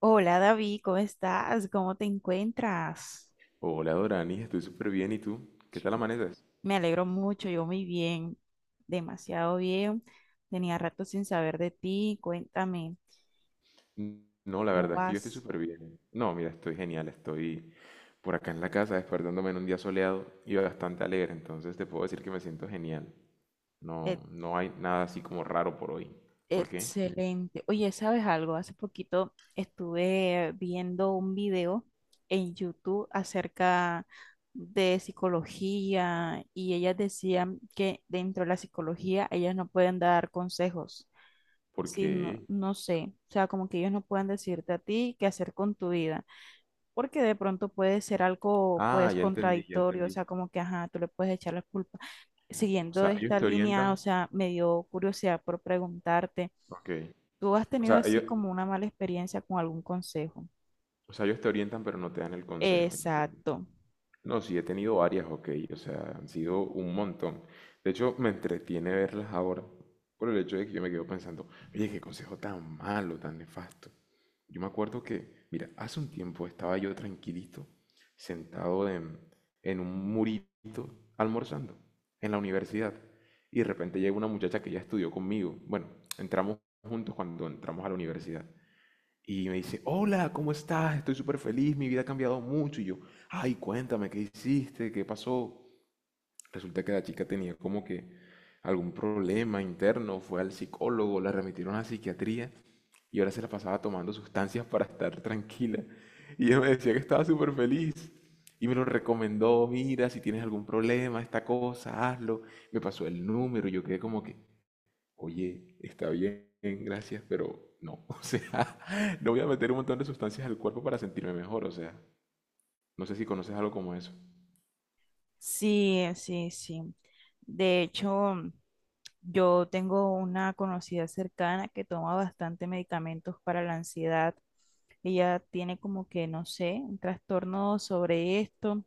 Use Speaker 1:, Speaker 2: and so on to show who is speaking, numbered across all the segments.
Speaker 1: Hola David, ¿cómo estás? ¿Cómo te encuentras?
Speaker 2: Hola Doranis, estoy súper bien. ¿Y tú? ¿Qué tal amaneces?
Speaker 1: Me alegro mucho, yo muy bien, demasiado bien. Tenía rato sin saber de ti, cuéntame,
Speaker 2: No, la
Speaker 1: ¿cómo
Speaker 2: verdad es que yo estoy
Speaker 1: vas?
Speaker 2: súper bien. No, mira, estoy genial. Estoy por acá en la casa despertándome en un día soleado y bastante alegre. Entonces te puedo decir que me siento genial.
Speaker 1: E-
Speaker 2: No, no hay nada así como raro por hoy. ¿Por qué?
Speaker 1: Excelente. Oye, ¿sabes algo? Hace poquito estuve viendo un video en YouTube acerca de psicología y ellas decían que dentro de la psicología ellas no pueden dar consejos. Sí, no,
Speaker 2: Porque...
Speaker 1: no sé, o sea, como que ellos no puedan decirte a ti qué hacer con tu vida, porque de pronto puede ser algo,
Speaker 2: Ah,
Speaker 1: pues,
Speaker 2: ya entendí, ya
Speaker 1: contradictorio, o
Speaker 2: entendí.
Speaker 1: sea, como que, ajá, tú le puedes echar la culpa.
Speaker 2: O
Speaker 1: Siguiendo
Speaker 2: sea, ellos
Speaker 1: esta
Speaker 2: te
Speaker 1: línea, o
Speaker 2: orientan.
Speaker 1: sea, me dio curiosidad por preguntarte,
Speaker 2: Ok.
Speaker 1: ¿tú has
Speaker 2: O
Speaker 1: tenido
Speaker 2: sea,
Speaker 1: así
Speaker 2: ellos,
Speaker 1: como una mala experiencia con algún consejo?
Speaker 2: o sea, ellos te orientan pero no te dan el consejo ya.
Speaker 1: Exacto.
Speaker 2: No, sí, he tenido varias, ok, o sea, han sido un montón. De hecho, me entretiene verlas ahora por el hecho de que yo me quedo pensando, oye, qué consejo tan malo, tan nefasto. Yo me acuerdo que, mira, hace un tiempo estaba yo tranquilito, sentado en un murito, almorzando, en la universidad, y de repente llega una muchacha que ya estudió conmigo. Bueno, entramos juntos cuando entramos a la universidad. Y me dice, hola, ¿cómo estás? Estoy súper feliz, mi vida ha cambiado mucho. Y yo, ay, cuéntame, ¿qué hiciste? ¿Qué pasó? Resulta que la chica tenía como que algún problema interno, fue al psicólogo, la remitieron a la psiquiatría y ahora se la pasaba tomando sustancias para estar tranquila. Y ella me decía que estaba súper feliz. Y me lo recomendó, mira, si tienes algún problema, esta cosa, hazlo. Me pasó el número, yo quedé como que, oye, está bien, gracias, pero no. O sea, no voy a meter un montón de sustancias al cuerpo para sentirme mejor. O sea, no sé si conoces algo como eso.
Speaker 1: Sí, sí, sí. De hecho, yo tengo una conocida cercana que toma bastante medicamentos para la ansiedad. Ella tiene como que, no sé, un trastorno sobre esto.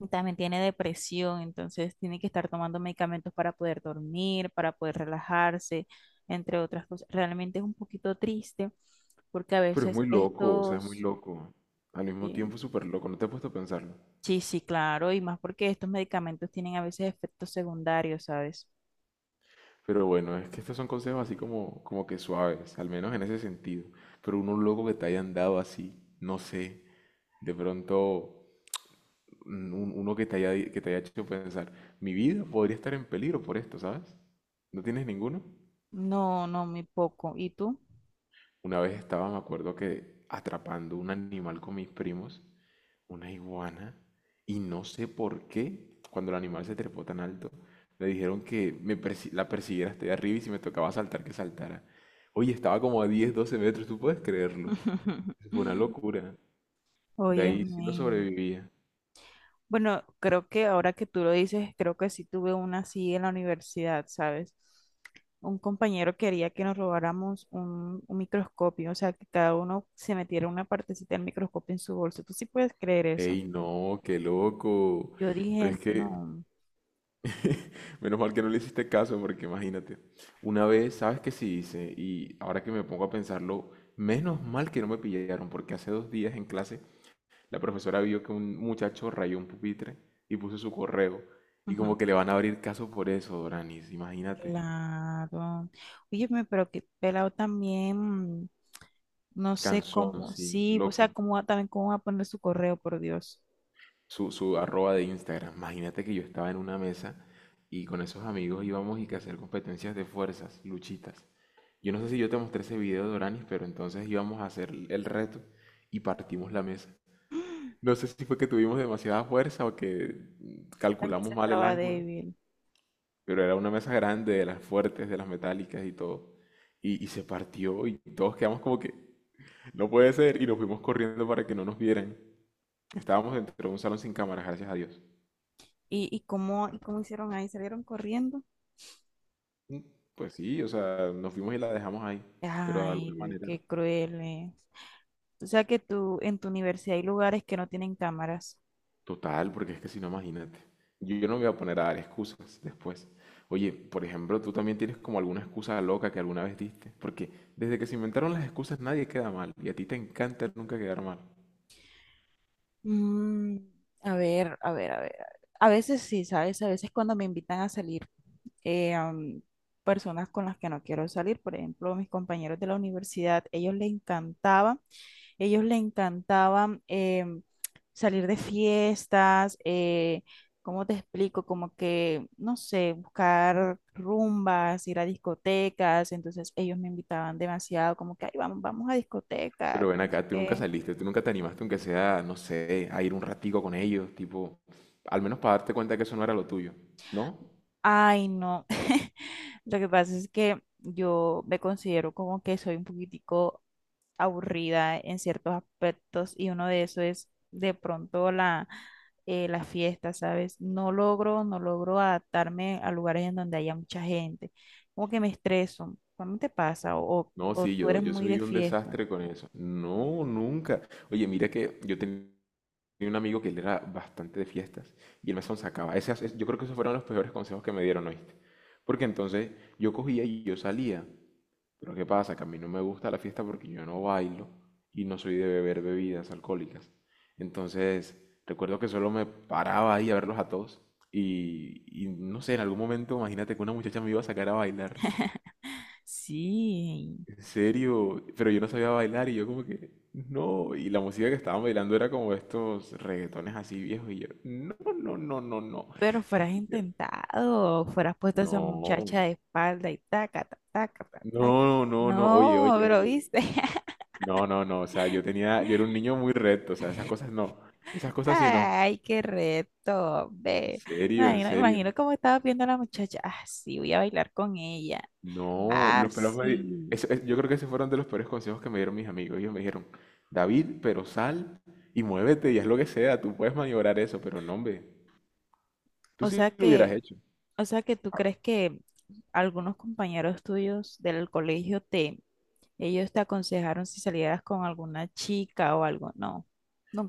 Speaker 1: También tiene depresión, entonces tiene que estar tomando medicamentos para poder dormir, para poder relajarse, entre otras cosas. Realmente es un poquito triste porque a
Speaker 2: Pero es
Speaker 1: veces
Speaker 2: muy loco, o sea, es muy
Speaker 1: estos,
Speaker 2: loco. Al mismo
Speaker 1: eh,
Speaker 2: tiempo, súper loco. No te he puesto a pensarlo.
Speaker 1: sí, sí, claro, y más porque estos medicamentos tienen a veces efectos secundarios, ¿sabes?
Speaker 2: Pero bueno, es que estos son consejos así como, como que suaves, al menos en ese sentido. Pero uno loco que te hayan dado así, no sé. De pronto, uno que te haya, que te haya hecho pensar, mi vida podría estar en peligro por esto, ¿sabes? ¿No tienes ninguno?
Speaker 1: No, no, muy poco. ¿Y tú?
Speaker 2: Una vez estaba, me acuerdo que atrapando un animal con mis primos, una iguana, y no sé por qué, cuando el animal se trepó tan alto, le dijeron que la persiguiera hasta allá arriba y si me tocaba saltar, que saltara. Oye, estaba como a 10 12 metros, ¿tú puedes creerlo? Eso fue una locura. De
Speaker 1: Oye,
Speaker 2: ahí sí no
Speaker 1: men,
Speaker 2: sobrevivía.
Speaker 1: bueno, creo que ahora que tú lo dices, creo que sí tuve una así en la universidad, ¿sabes? Un compañero quería que nos robáramos un microscopio, o sea, que cada uno se metiera una partecita del microscopio en su bolso. ¿Tú sí puedes creer eso?
Speaker 2: Ey, no, qué loco.
Speaker 1: Yo
Speaker 2: Pero es
Speaker 1: dije,
Speaker 2: que
Speaker 1: no.
Speaker 2: menos mal que no le hiciste caso, porque imagínate, una vez, ¿sabes qué sí hice? Y ahora que me pongo a pensarlo, menos mal que no me pillaron, porque hace 2 días en clase la profesora vio que un muchacho rayó un pupitre y puso su correo. Y
Speaker 1: Ujú.
Speaker 2: como que le van a abrir caso por eso, Doranis, imagínate.
Speaker 1: Claro. Oye, pero que pelado también, no sé
Speaker 2: Cansón,
Speaker 1: cómo,
Speaker 2: sí,
Speaker 1: sí, o sea,
Speaker 2: loco.
Speaker 1: también cómo va a poner su correo, por Dios.
Speaker 2: Su arroba de Instagram. Imagínate que yo estaba en una mesa y con esos amigos íbamos y que hacer competencias de fuerzas, luchitas. Yo no sé si yo te mostré ese video de Oranis, pero entonces íbamos a hacer el reto y partimos la mesa. No sé si fue que tuvimos demasiada fuerza o que
Speaker 1: También se
Speaker 2: calculamos mal el
Speaker 1: estaba
Speaker 2: ángulo,
Speaker 1: débil.
Speaker 2: pero era una mesa grande, de las fuertes, de las metálicas y todo. Y se partió y todos quedamos como que no puede ser y nos fuimos corriendo para que no nos vieran. Estábamos dentro de un salón sin cámaras, gracias a Dios.
Speaker 1: Y cómo hicieron ahí? ¿Salieron corriendo?
Speaker 2: Mm, Pues sí, o sea, nos fuimos y la dejamos ahí, pero de alguna
Speaker 1: Ay, uy,
Speaker 2: manera,
Speaker 1: qué crueles. O sea que tú, en tu universidad hay lugares que no tienen cámaras.
Speaker 2: total, porque es que si no, imagínate, yo no me voy a poner a dar excusas después. Oye, por ejemplo, tú también tienes como alguna excusa loca que alguna vez diste, porque desde que se inventaron las excusas nadie queda mal y a ti te encanta nunca quedar mal.
Speaker 1: Mm, a ver, a ver, a ver. A veces sí, ¿sabes? A veces cuando me invitan a salir, eh, am, personas con las que no quiero salir, por ejemplo, mis compañeros de la universidad, ellos les encantaba, ellos le encantaban salir de fiestas, ¿cómo te explico? Como que, no sé, buscar rumbas, ir a discotecas, entonces ellos me invitaban demasiado, como que, ay, vamos, vamos a
Speaker 2: Pero
Speaker 1: discoteca, que
Speaker 2: ven
Speaker 1: no sé
Speaker 2: acá, tú nunca
Speaker 1: qué.
Speaker 2: saliste, tú nunca te animaste, aunque sea, no sé, a ir un ratico con ellos, tipo, al menos para darte cuenta que eso no era lo tuyo, ¿no?
Speaker 1: Ay, no. Lo que pasa es que yo me considero como que soy un poquitico aburrida en ciertos aspectos y uno de eso es de pronto la fiesta, ¿sabes? No logro, no logro adaptarme a lugares en donde haya mucha gente. Como que me estreso. ¿Cómo te pasa? ¿O,
Speaker 2: No,
Speaker 1: o
Speaker 2: sí,
Speaker 1: tú
Speaker 2: yo,
Speaker 1: eres
Speaker 2: yo
Speaker 1: muy de
Speaker 2: soy un
Speaker 1: fiesta?
Speaker 2: desastre con eso. No, nunca. Oye, mira que yo tenía un amigo que él era bastante de fiestas y el mesón sacaba. Yo creo que esos fueron los peores consejos que me dieron, ¿oíste? Porque entonces yo cogía y yo salía. Pero ¿qué pasa? Que a mí no me gusta la fiesta porque yo no bailo y no soy de beber bebidas alcohólicas. Entonces, recuerdo que solo me paraba ahí a verlos a todos. Y no sé, en algún momento, imagínate que una muchacha me iba a sacar a bailar
Speaker 1: Sí,
Speaker 2: en serio, pero yo no sabía bailar y yo como que, no, y la música que estaban bailando era como estos reggaetones así viejos y yo, no, no, no, no, no.
Speaker 1: pero fueras
Speaker 2: Yo,
Speaker 1: intentado, fueras puesto a esa muchacha
Speaker 2: No,
Speaker 1: de espalda y taca, taca, taca, taca.
Speaker 2: no, no, no, oye,
Speaker 1: No,
Speaker 2: oye,
Speaker 1: pero
Speaker 2: oye.
Speaker 1: viste.
Speaker 2: No, no, no, o sea, yo tenía, yo era un niño muy recto, o sea, esas cosas no, esas cosas sí no.
Speaker 1: Ay, qué reto,
Speaker 2: En
Speaker 1: ve.
Speaker 2: serio, en
Speaker 1: Imagino,
Speaker 2: serio.
Speaker 1: imagino cómo estaba viendo a la muchacha. Ah, sí, voy a bailar con ella.
Speaker 2: No,
Speaker 1: Ah,
Speaker 2: los pelos me di-
Speaker 1: sí.
Speaker 2: eso- es- yo creo que esos fueron de los peores consejos que me dieron mis amigos. Ellos me dijeron, David, pero sal y muévete y haz lo que sea, tú puedes maniobrar eso, pero no, hombre. Tú
Speaker 1: O sea
Speaker 2: sí lo hubieras
Speaker 1: que,
Speaker 2: hecho.
Speaker 1: o sea que tú crees que algunos compañeros tuyos del colegio te, ellos te aconsejaron si salieras con alguna chica o algo. No,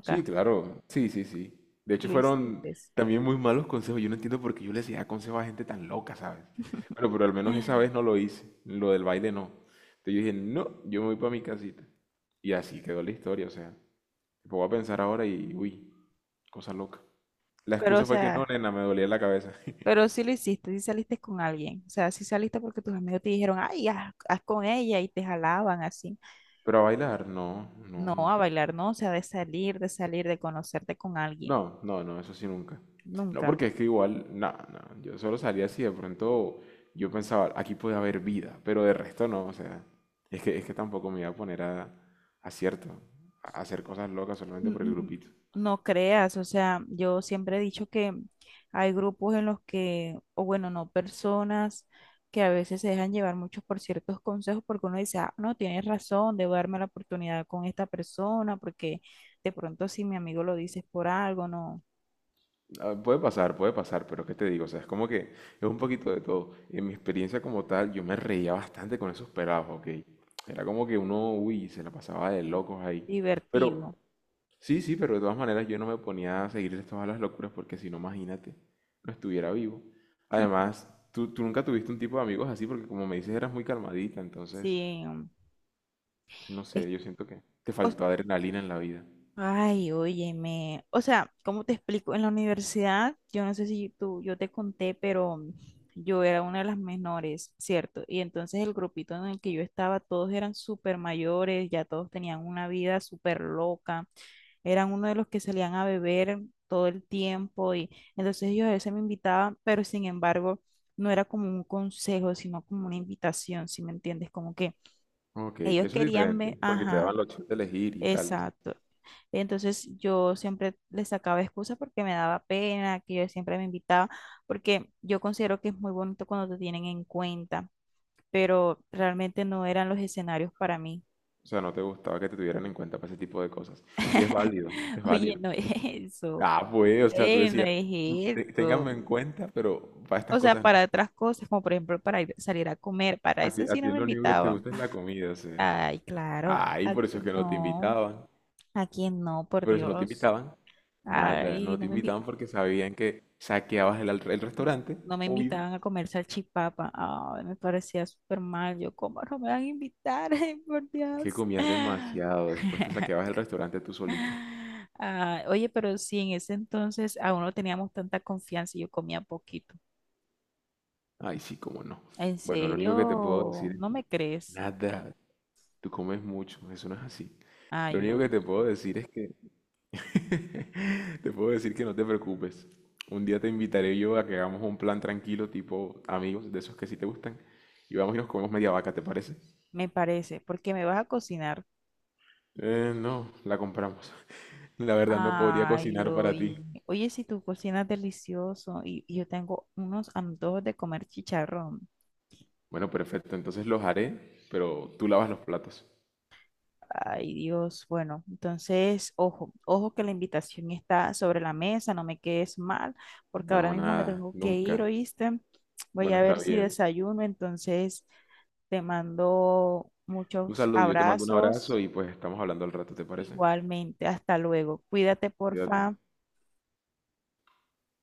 Speaker 2: Sí, claro. Sí, sí, sí. De hecho,
Speaker 1: lo
Speaker 2: fueron
Speaker 1: hiciste.
Speaker 2: también muy malos consejos. Yo no entiendo por qué yo le hacía consejos a gente tan loca, ¿sabes? Bueno, pero al menos esa vez no lo hice. Lo del baile no. Entonces yo dije, no, yo me voy para mi casita. Y así quedó la historia. O sea, me pongo a pensar ahora y, uy, cosa loca. La
Speaker 1: Pero, o
Speaker 2: excusa fue que no,
Speaker 1: sea,
Speaker 2: nena, me dolía la cabeza.
Speaker 1: pero sí lo hiciste, sí saliste con alguien. O sea, sí saliste porque tus amigos te dijeron, ay, haz, haz con ella y te jalaban así.
Speaker 2: Pero a bailar, no, no,
Speaker 1: No, a
Speaker 2: nunca.
Speaker 1: bailar no, o sea, de salir, de salir, de conocerte con alguien.
Speaker 2: No, no, no, eso sí nunca. No,
Speaker 1: Nunca.
Speaker 2: porque es que igual, no, no, yo solo salía así de pronto yo pensaba, aquí puede haber vida, pero de resto no, o sea, es que tampoco me iba a poner a cierto, a hacer cosas locas solamente
Speaker 1: N-
Speaker 2: por el
Speaker 1: n-
Speaker 2: grupito.
Speaker 1: No creas, o sea, yo siempre he dicho que hay grupos en los que, o bueno, no, personas que a veces se dejan llevar muchos por ciertos consejos porque uno dice, ah, no, tienes razón, debo darme la oportunidad con esta persona porque de pronto si mi amigo lo dice es por algo, no,
Speaker 2: Ah, puede pasar, puede pasar, pero ¿qué te digo? O sea, es como que es un poquito de todo. En mi experiencia como tal, yo me reía bastante con esos pelados, ¿ok? Era como que uno, uy, se la pasaba de locos ahí. Pero
Speaker 1: divertido.
Speaker 2: sí, sí, pero de todas maneras yo no me ponía a seguirle todas las locuras porque si no, imagínate, no estuviera vivo. Además, tú nunca tuviste un tipo de amigos así porque como me dices eras muy calmadita, entonces,
Speaker 1: Sí,
Speaker 2: no
Speaker 1: es,
Speaker 2: sé, yo siento que te
Speaker 1: o
Speaker 2: faltó adrenalina en la vida.
Speaker 1: Ay, óyeme. O sea, ¿cómo te explico? En la universidad, yo no sé si tú, yo te conté, pero yo era una de las menores, ¿cierto? Y entonces el grupito en el que yo estaba, todos eran súper mayores, ya todos tenían una vida súper loca. Eran uno de los que salían a beber todo el tiempo y entonces ellos a veces me invitaban, pero sin embargo, no era como un consejo, sino como una invitación, ¿si me entiendes? Como que
Speaker 2: Ok,
Speaker 1: ellos
Speaker 2: eso es
Speaker 1: querían
Speaker 2: diferente,
Speaker 1: ver,
Speaker 2: porque te
Speaker 1: ajá,
Speaker 2: daban la opción de elegir y tales.
Speaker 1: exacto. Entonces yo siempre le sacaba excusas porque me daba pena, que yo siempre me invitaba, porque yo considero que es muy bonito cuando te tienen en cuenta, pero realmente no eran los escenarios para mí.
Speaker 2: O sea, no te gustaba que te tuvieran en cuenta para ese tipo de cosas. Y es válido, es
Speaker 1: Oye,
Speaker 2: válido.
Speaker 1: no es eso,
Speaker 2: Ah, pues, o sea, tú
Speaker 1: no
Speaker 2: decías,
Speaker 1: es
Speaker 2: "Mm,
Speaker 1: eso.
Speaker 2: ténganme en cuenta, pero para estas
Speaker 1: O sea,
Speaker 2: cosas no."
Speaker 1: para otras cosas, como por ejemplo para salir a comer, para
Speaker 2: A ti,
Speaker 1: eso
Speaker 2: a
Speaker 1: sí
Speaker 2: ti
Speaker 1: no me
Speaker 2: lo único que te
Speaker 1: invitaban.
Speaker 2: gusta es la comida, o sea.
Speaker 1: Ay, claro,
Speaker 2: Ay, por eso es que no te invitaban.
Speaker 1: a quién no, por
Speaker 2: Por eso no te
Speaker 1: Dios.
Speaker 2: invitaban. Nada, no
Speaker 1: Ay,
Speaker 2: te
Speaker 1: no me
Speaker 2: invitaban
Speaker 1: invitaban.
Speaker 2: porque sabían que saqueabas el, el restaurante,
Speaker 1: No me
Speaker 2: obvio,
Speaker 1: invitaban a comer salchipapa. Ay, me parecía súper mal. Yo, ¿cómo no me van a invitar? Ay, por
Speaker 2: que
Speaker 1: Dios.
Speaker 2: comías demasiado. Después te saqueabas el restaurante tú solita.
Speaker 1: Ah, oye, pero sí, en ese entonces aún no teníamos tanta confianza y yo comía poquito.
Speaker 2: Ay, sí, cómo no.
Speaker 1: ¿En
Speaker 2: Bueno, lo único que te puedo
Speaker 1: serio?
Speaker 2: decir es
Speaker 1: ¿No
Speaker 2: que
Speaker 1: me crees?
Speaker 2: nada, tú comes mucho, eso no es así. Lo
Speaker 1: Ay,
Speaker 2: único que te
Speaker 1: oye,
Speaker 2: puedo decir es que, te puedo decir que no te preocupes. Un día te invitaré yo a que hagamos un plan tranquilo, tipo amigos, de esos que sí te gustan, y vamos y nos comemos media vaca, ¿te parece?
Speaker 1: me parece, porque me vas a cocinar.
Speaker 2: No, la compramos. La verdad no podría
Speaker 1: Ay,
Speaker 2: cocinar para ti.
Speaker 1: oye, oye, si tú cocinas delicioso y yo tengo unos antojos de comer chicharrón.
Speaker 2: Bueno, perfecto, entonces los haré, pero tú lavas los platos.
Speaker 1: Ay, Dios. Bueno, entonces, ojo, ojo que la invitación está sobre la mesa, no me quedes mal, porque ahora
Speaker 2: No,
Speaker 1: mismo me
Speaker 2: nada,
Speaker 1: tengo que ir,
Speaker 2: nunca.
Speaker 1: ¿oíste? Voy
Speaker 2: Bueno,
Speaker 1: a
Speaker 2: está
Speaker 1: ver si
Speaker 2: bien.
Speaker 1: desayuno, entonces te mando
Speaker 2: Un
Speaker 1: muchos
Speaker 2: saludo, yo te mando un abrazo
Speaker 1: abrazos
Speaker 2: y pues estamos hablando al rato, ¿te parece?
Speaker 1: igualmente. Hasta luego. Cuídate,
Speaker 2: Cuídate.
Speaker 1: porfa.